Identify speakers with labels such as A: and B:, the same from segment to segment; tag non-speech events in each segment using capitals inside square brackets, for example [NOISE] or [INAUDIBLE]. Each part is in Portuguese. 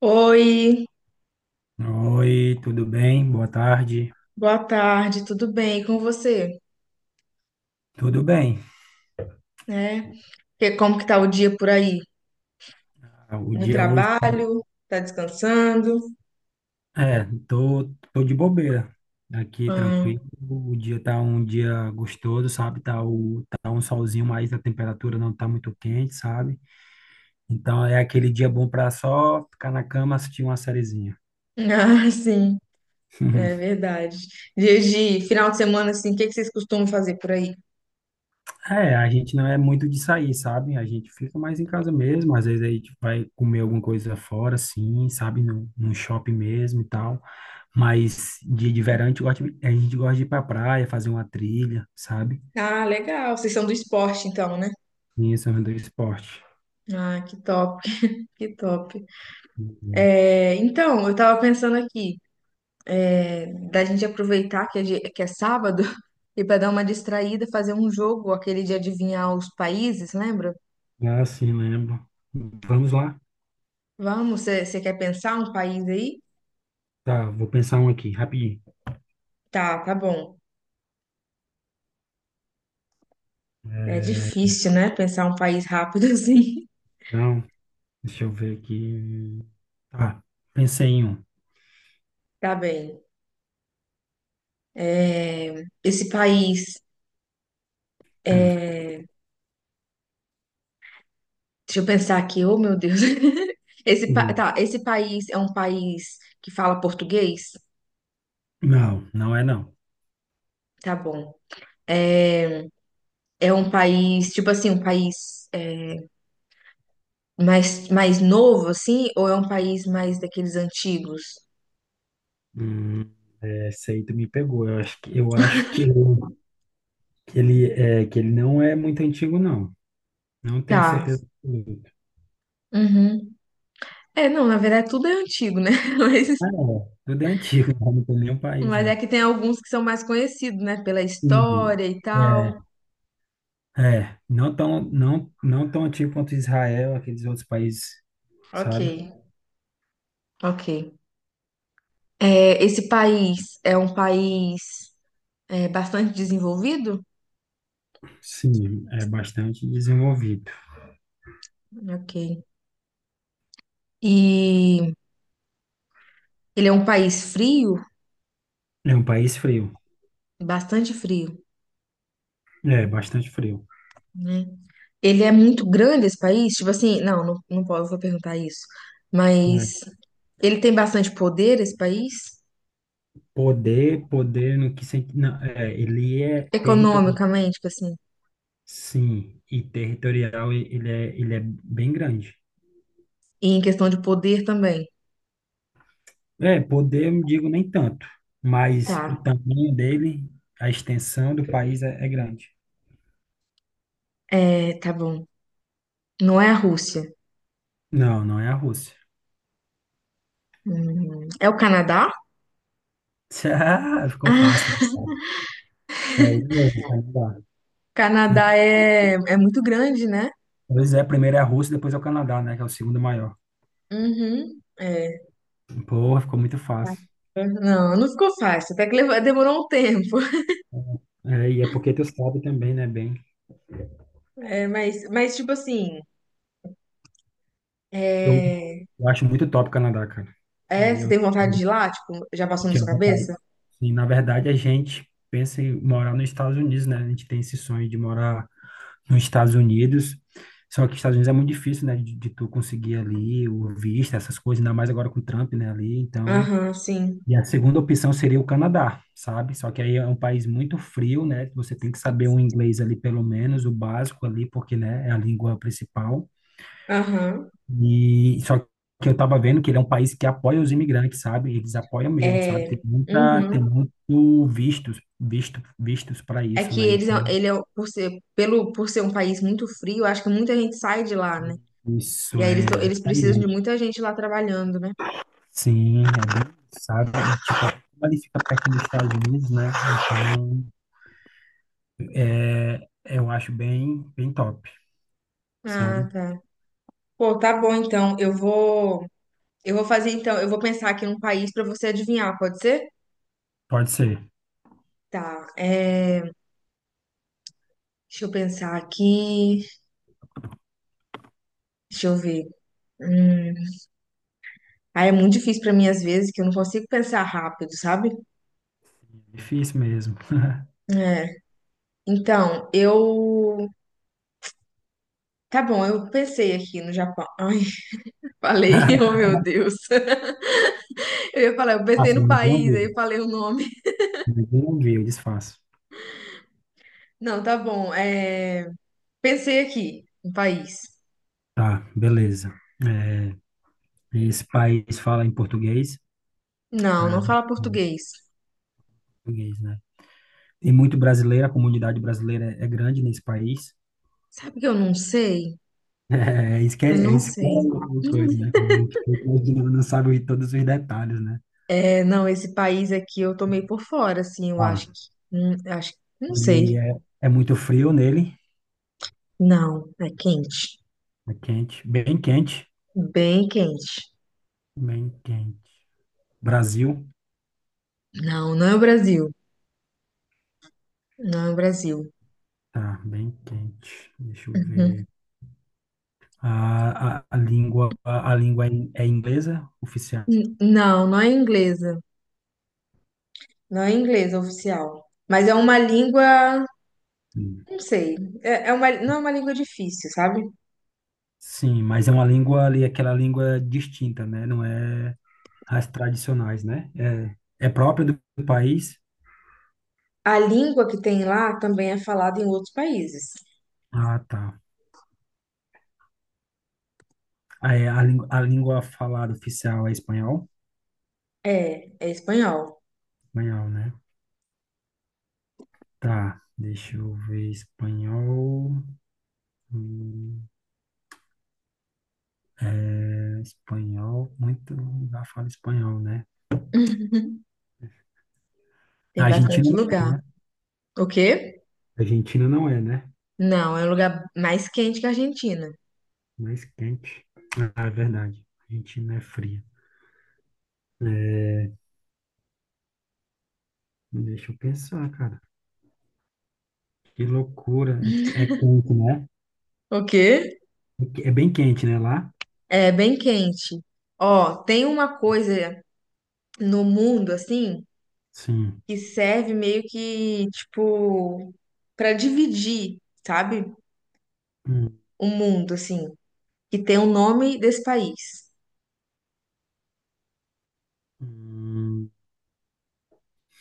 A: Oi,
B: Oi, tudo bem? Boa tarde.
A: boa tarde, tudo bem? E com você?
B: Tudo bem.
A: Né? Como que tá o dia por aí?
B: O
A: No
B: dia hoje tá-
A: trabalho? Tá descansando?
B: tô, de bobeira. Aqui
A: Ah,
B: tranquilo. O dia tá um dia gostoso, sabe? Tá, tá um solzinho, mas a temperatura não tá muito quente, sabe? Então é aquele dia bom para só ficar na cama, assistir uma sériezinha.
A: [LAUGHS] ah, sim, é
B: [LAUGHS]
A: verdade. Dia de final de semana, assim, o que que vocês costumam fazer por aí?
B: É, a gente não é muito de sair, sabe? A gente fica mais em casa mesmo, às vezes a gente vai comer alguma coisa fora, assim, sabe? Num shopping mesmo e tal. Mas dia de verão a gente gosta, de- a gente gosta de ir pra praia, fazer uma trilha, sabe?
A: Ah, legal. Vocês são do esporte, então, né?
B: E esse é o do esporte.
A: Ah, que top, que top.
B: Uhum.
A: É, então, eu tava pensando aqui, é, da gente aproveitar que é, que é sábado [LAUGHS] e para dar uma distraída, fazer um jogo, aquele de adivinhar os países, lembra?
B: Ah, sim, lembro. Vamos lá?
A: Vamos, você quer pensar um país aí?
B: Tá, vou pensar um aqui, rapidinho.
A: Tá, tá bom. É difícil, né? Pensar um país rápido [LAUGHS] assim.
B: Então, deixa eu ver aqui. Tá, pensei em um.
A: Tá bem. É, esse país. Deixa eu pensar aqui, oh meu Deus. [LAUGHS] Esse,
B: Uhum.
A: tá, esse país é um país que fala português?
B: Não, não é não.
A: Tá bom. É é um país, tipo assim, um país é, mais novo, assim? Ou é um país mais daqueles antigos?
B: Hum, essa aí tu me pegou. Eu acho que [LAUGHS] que ele não é muito antigo, não. Não tenho
A: Tá.
B: certeza absoluta.
A: Uhum. É, não, na verdade tudo é antigo, né? [LAUGHS]
B: Ah,
A: Mas.
B: é. Tudo é antigo, [LAUGHS] né? Não tem nenhum país,
A: Mas é
B: é.
A: que tem alguns que são mais conhecidos, né? Pela
B: Sim.
A: história e tal.
B: É, é, não tão antigo quanto Israel, aqueles outros países,
A: Ok,
B: sabe?
A: ok. É, esse país é um país é, bastante desenvolvido?
B: Sim, é bastante desenvolvido.
A: Ok. E ele é um país frio,
B: É um país frio.
A: bastante frio,
B: É, bastante frio.
A: né? Ele é muito grande esse país? Tipo assim, não posso perguntar isso.
B: É.
A: Mas ele tem bastante poder, esse país?
B: Poder no que sentido? Não, é, ele é territorial.
A: Economicamente, tipo assim.
B: Sim, e territorial e- ele é bem grande.
A: E em questão de poder também.
B: É, poder, eu não digo nem tanto,
A: Tá,
B: mas o tamanho dele, a extensão do país é, é grande.
A: é, tá bom. Não é a Rússia.
B: Não, não é a Rússia.
A: É o Canadá? [LAUGHS]
B: [LAUGHS] Ah, ficou fácil.
A: Ah,
B: É, de novo, o Canadá.
A: Canadá é, é muito grande, né?
B: Pois é, primeiro é a Rússia, depois é o Canadá, né, que é o segundo maior.
A: Uhum. É.
B: Porra, ficou muito fácil.
A: Não, não ficou fácil. Até que demorou um tempo.
B: É, e é porque tu sabe também, né, bem.
A: É, mas, tipo assim,
B: Eu,
A: é,
B: eu acho muito top o Canadá, cara. E
A: você
B: eu
A: tem vontade de ir lá? Tipo, já passou na sua
B: tinha vontade.
A: cabeça?
B: E, na verdade, a gente pensa em morar nos Estados Unidos, né? A gente tem esse sonho de morar nos Estados Unidos. Só que Estados Unidos é muito difícil, né, de tu conseguir ali o visto, essas coisas, ainda mais agora com o Trump, né, ali, então...
A: Aham, sim.
B: E a segunda opção seria o Canadá, sabe? Só que aí é um país muito frio, né? Você tem que saber um inglês ali, pelo menos, o básico ali, porque, né, é a língua principal.
A: Aham.
B: E só que Eu tava vendo que ele é um país que apoia os imigrantes, sabe? Eles apoiam mesmo, sabe? Tem
A: É.
B: muita, tem
A: Uhum.
B: muito vistos, visto, vistos para
A: É
B: isso,
A: que
B: né?
A: eles,
B: Então,
A: ele é, por ser, pelo, por ser um país muito frio, acho que muita gente sai de lá, né? E
B: isso
A: aí eles,
B: é
A: eles precisam de
B: justamente.
A: muita gente lá trabalhando, né?
B: Sim, é bem, sabe? Tipo, como ele fica perto dos Estados Unidos, né? Então, é, eu acho bem, bem top,
A: Ah,
B: sabe?
A: tá. Pô, tá bom então. Eu vou. Eu vou fazer então, eu vou pensar aqui num país pra você adivinhar, pode ser?
B: Pode ser.
A: Tá, é, deixa eu pensar aqui, deixa eu ver. Hum, ah, é muito difícil pra mim às vezes, que eu não consigo pensar rápido, sabe?
B: Difícil mesmo.
A: É, então, eu, tá bom, eu pensei aqui no Japão. Ai, [LAUGHS] falei, [LAUGHS] oh
B: [LAUGHS]
A: meu Deus. [LAUGHS] Eu ia falar, eu pensei
B: Faço,
A: no
B: ninguém
A: país, aí eu
B: ouviu.
A: falei o nome.
B: Ninguém ouviu, eu desfaço.
A: Não, tá bom, é, pensei aqui, no país.
B: Tá, beleza. É, esse país fala em português.
A: Não,
B: Ah,
A: não fala
B: em
A: português.
B: português, né? Tem muito brasileiro, a comunidade brasileira é grande nesse país. [LAUGHS]
A: Sabe que eu não sei?
B: É, é isso que
A: Eu
B: é, é
A: não
B: isso que é
A: sei.
B: o coisa,
A: [LAUGHS]
B: né? A gente fica imaginando, não sabe todos os detalhes, né?
A: É, não, esse país aqui eu tomei por fora, assim, eu acho
B: Tá.
A: que, acho, não sei.
B: Ele é, é muito frio nele,
A: Não, é quente,
B: é quente, bem quente,
A: bem quente.
B: bem quente. Brasil,
A: Não, não é o Brasil, não é o Brasil.
B: tá, bem quente. Deixa eu
A: Uhum.
B: ver. A língua, a língua é in- é inglesa, oficial.
A: Não, não é inglesa, não é inglesa oficial. Mas é uma língua,
B: Hum.
A: não sei, é uma, não é uma língua difícil, sabe?
B: Sim, mas é uma língua ali, aquela língua distinta, né? Não é as tradicionais, né? É, é própria do país.
A: A língua que tem lá também é falada em outros países.
B: Ah, tá. Ah, é, língua- a língua falada oficial é espanhol?
A: É, é espanhol.
B: Espanhol, né? Tá, deixa eu ver. Espanhol. Hum. É, espanhol, muito lugar fala espanhol, né? A
A: Tem
B: Argentina
A: bastante
B: não
A: lugar.
B: é, né?
A: O quê?
B: A Argentina não é, né?
A: Não, é um lugar mais quente que a Argentina.
B: Mais quente. Ah, é verdade. A Argentina é fria. Deixa eu pensar, cara. Que loucura. É, é quente, né?
A: O quê?
B: É bem quente, né? Lá?
A: É bem quente. Ó, tem uma coisa no mundo assim
B: Sim.
A: que serve meio que tipo para dividir, sabe?
B: Hum,
A: O mundo assim, que tem o nome desse país.
B: hum, hum,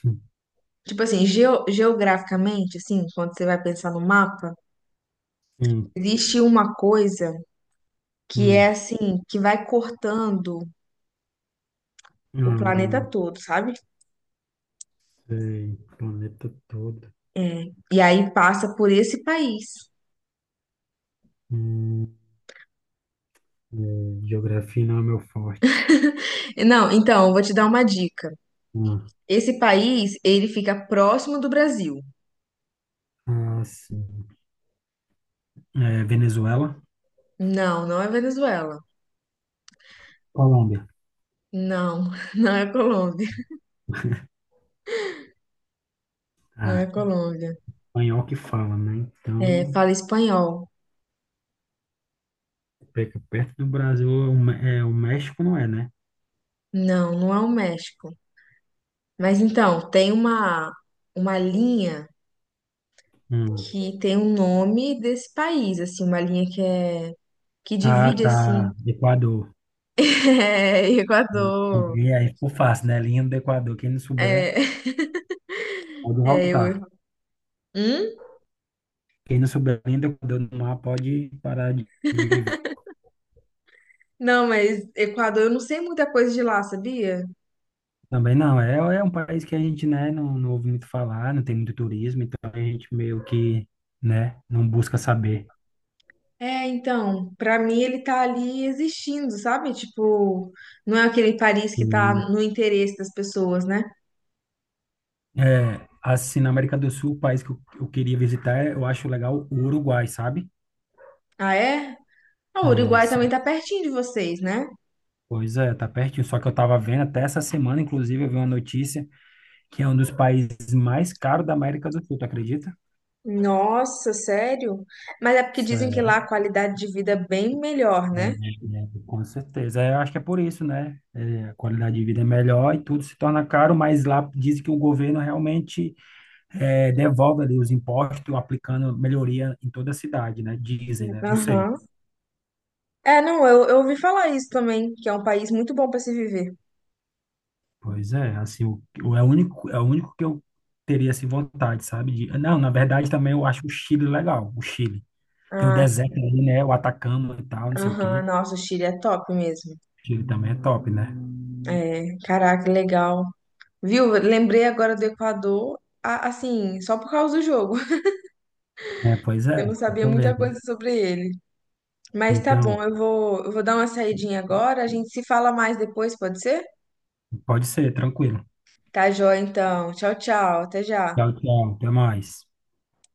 B: sim.
A: Tipo assim, geograficamente assim, quando você vai pensar no mapa,
B: Hum.
A: existe uma coisa que é
B: Hum.
A: assim, que vai cortando o planeta
B: Não
A: todo, sabe?
B: sei. Planeta todo.
A: É, e aí passa por esse país.
B: Hum, é, geografia não é meu forte.
A: Não, então, eu vou te dar uma dica.
B: Ah,
A: Esse país, ele fica próximo do Brasil.
B: ah, sim. É, Venezuela?
A: Não, não é Venezuela.
B: Colômbia.
A: Não, [LAUGHS] não é Colômbia. Não é
B: Ah,
A: Colômbia.
B: espanhol que fala, né?
A: É,
B: Então,
A: fala espanhol.
B: pega perto do Brasil, Mé- é, o México não é, né?
A: Não, não é o México. Mas então, tem uma linha
B: Hum.
A: que tem o nome desse país, assim, uma linha que é que
B: Ah,
A: divide assim,
B: tá. Equador.
A: [LAUGHS] é, Equador.
B: E aí ficou fácil, né? Linha do Equador. Quem não souber,
A: É, [LAUGHS]
B: pode
A: é
B: voltar.
A: eu. Hum?
B: Quem não souber a linha do Equador no mar, pode parar de viver.
A: Não, mas Equador, eu não sei muita coisa de lá, sabia?
B: Também não. É, é um país que a gente, né, não ouve muito falar, não tem muito turismo, então a gente meio que, né, não busca saber.
A: É, então, pra mim ele tá ali existindo, sabe? Tipo, não é aquele Paris que tá
B: Sim.
A: no interesse das pessoas, né?
B: É, assim, na América do Sul, o país que eu queria visitar, eu acho legal o Uruguai, sabe?
A: Ah, é? Ah, o
B: É,
A: Uruguai também
B: só-
A: tá pertinho de vocês, né?
B: pois é, tá pertinho. Só que eu tava vendo até essa semana, inclusive, eu vi uma notícia que é um dos países mais caros da América do Sul, tu acredita?
A: Nossa, sério? Mas é porque dizem que
B: Sério,
A: lá a qualidade de vida é bem melhor,
B: é,
A: né?
B: é, com certeza. É, eu acho que é por isso, né? É, a qualidade de vida é melhor e tudo se torna caro, mas lá dizem que o governo realmente é, devolve ali os impostos, aplicando melhoria em toda a cidade, né? Dizem, né? Não sei.
A: Aham. É, não, eu ouvi falar isso também, que é um país muito bom pra se viver.
B: Pois é, assim, é o único que eu teria assim, vontade, sabe? De, não, na verdade também eu acho o Chile legal, o Chile. Tem o
A: Ah,
B: deserto
A: sim.
B: ali, né? O Atacama e tal, não sei o
A: Aham,
B: quê.
A: nossa, o Chile é top mesmo.
B: Chile também é top, né?
A: É, caraca, legal. Viu? Lembrei agora do Equador, assim, só por causa do jogo.
B: É, pois é,
A: Eu não
B: eu
A: sabia
B: tô
A: muita
B: vendo, né?
A: coisa sobre ele. Mas tá bom,
B: Então,
A: eu vou dar uma saidinha agora. A gente se fala mais depois, pode ser?
B: pode ser, tranquilo.
A: Tá joia, então. Tchau, tchau. Até já.
B: Tchau, tchau, até mais.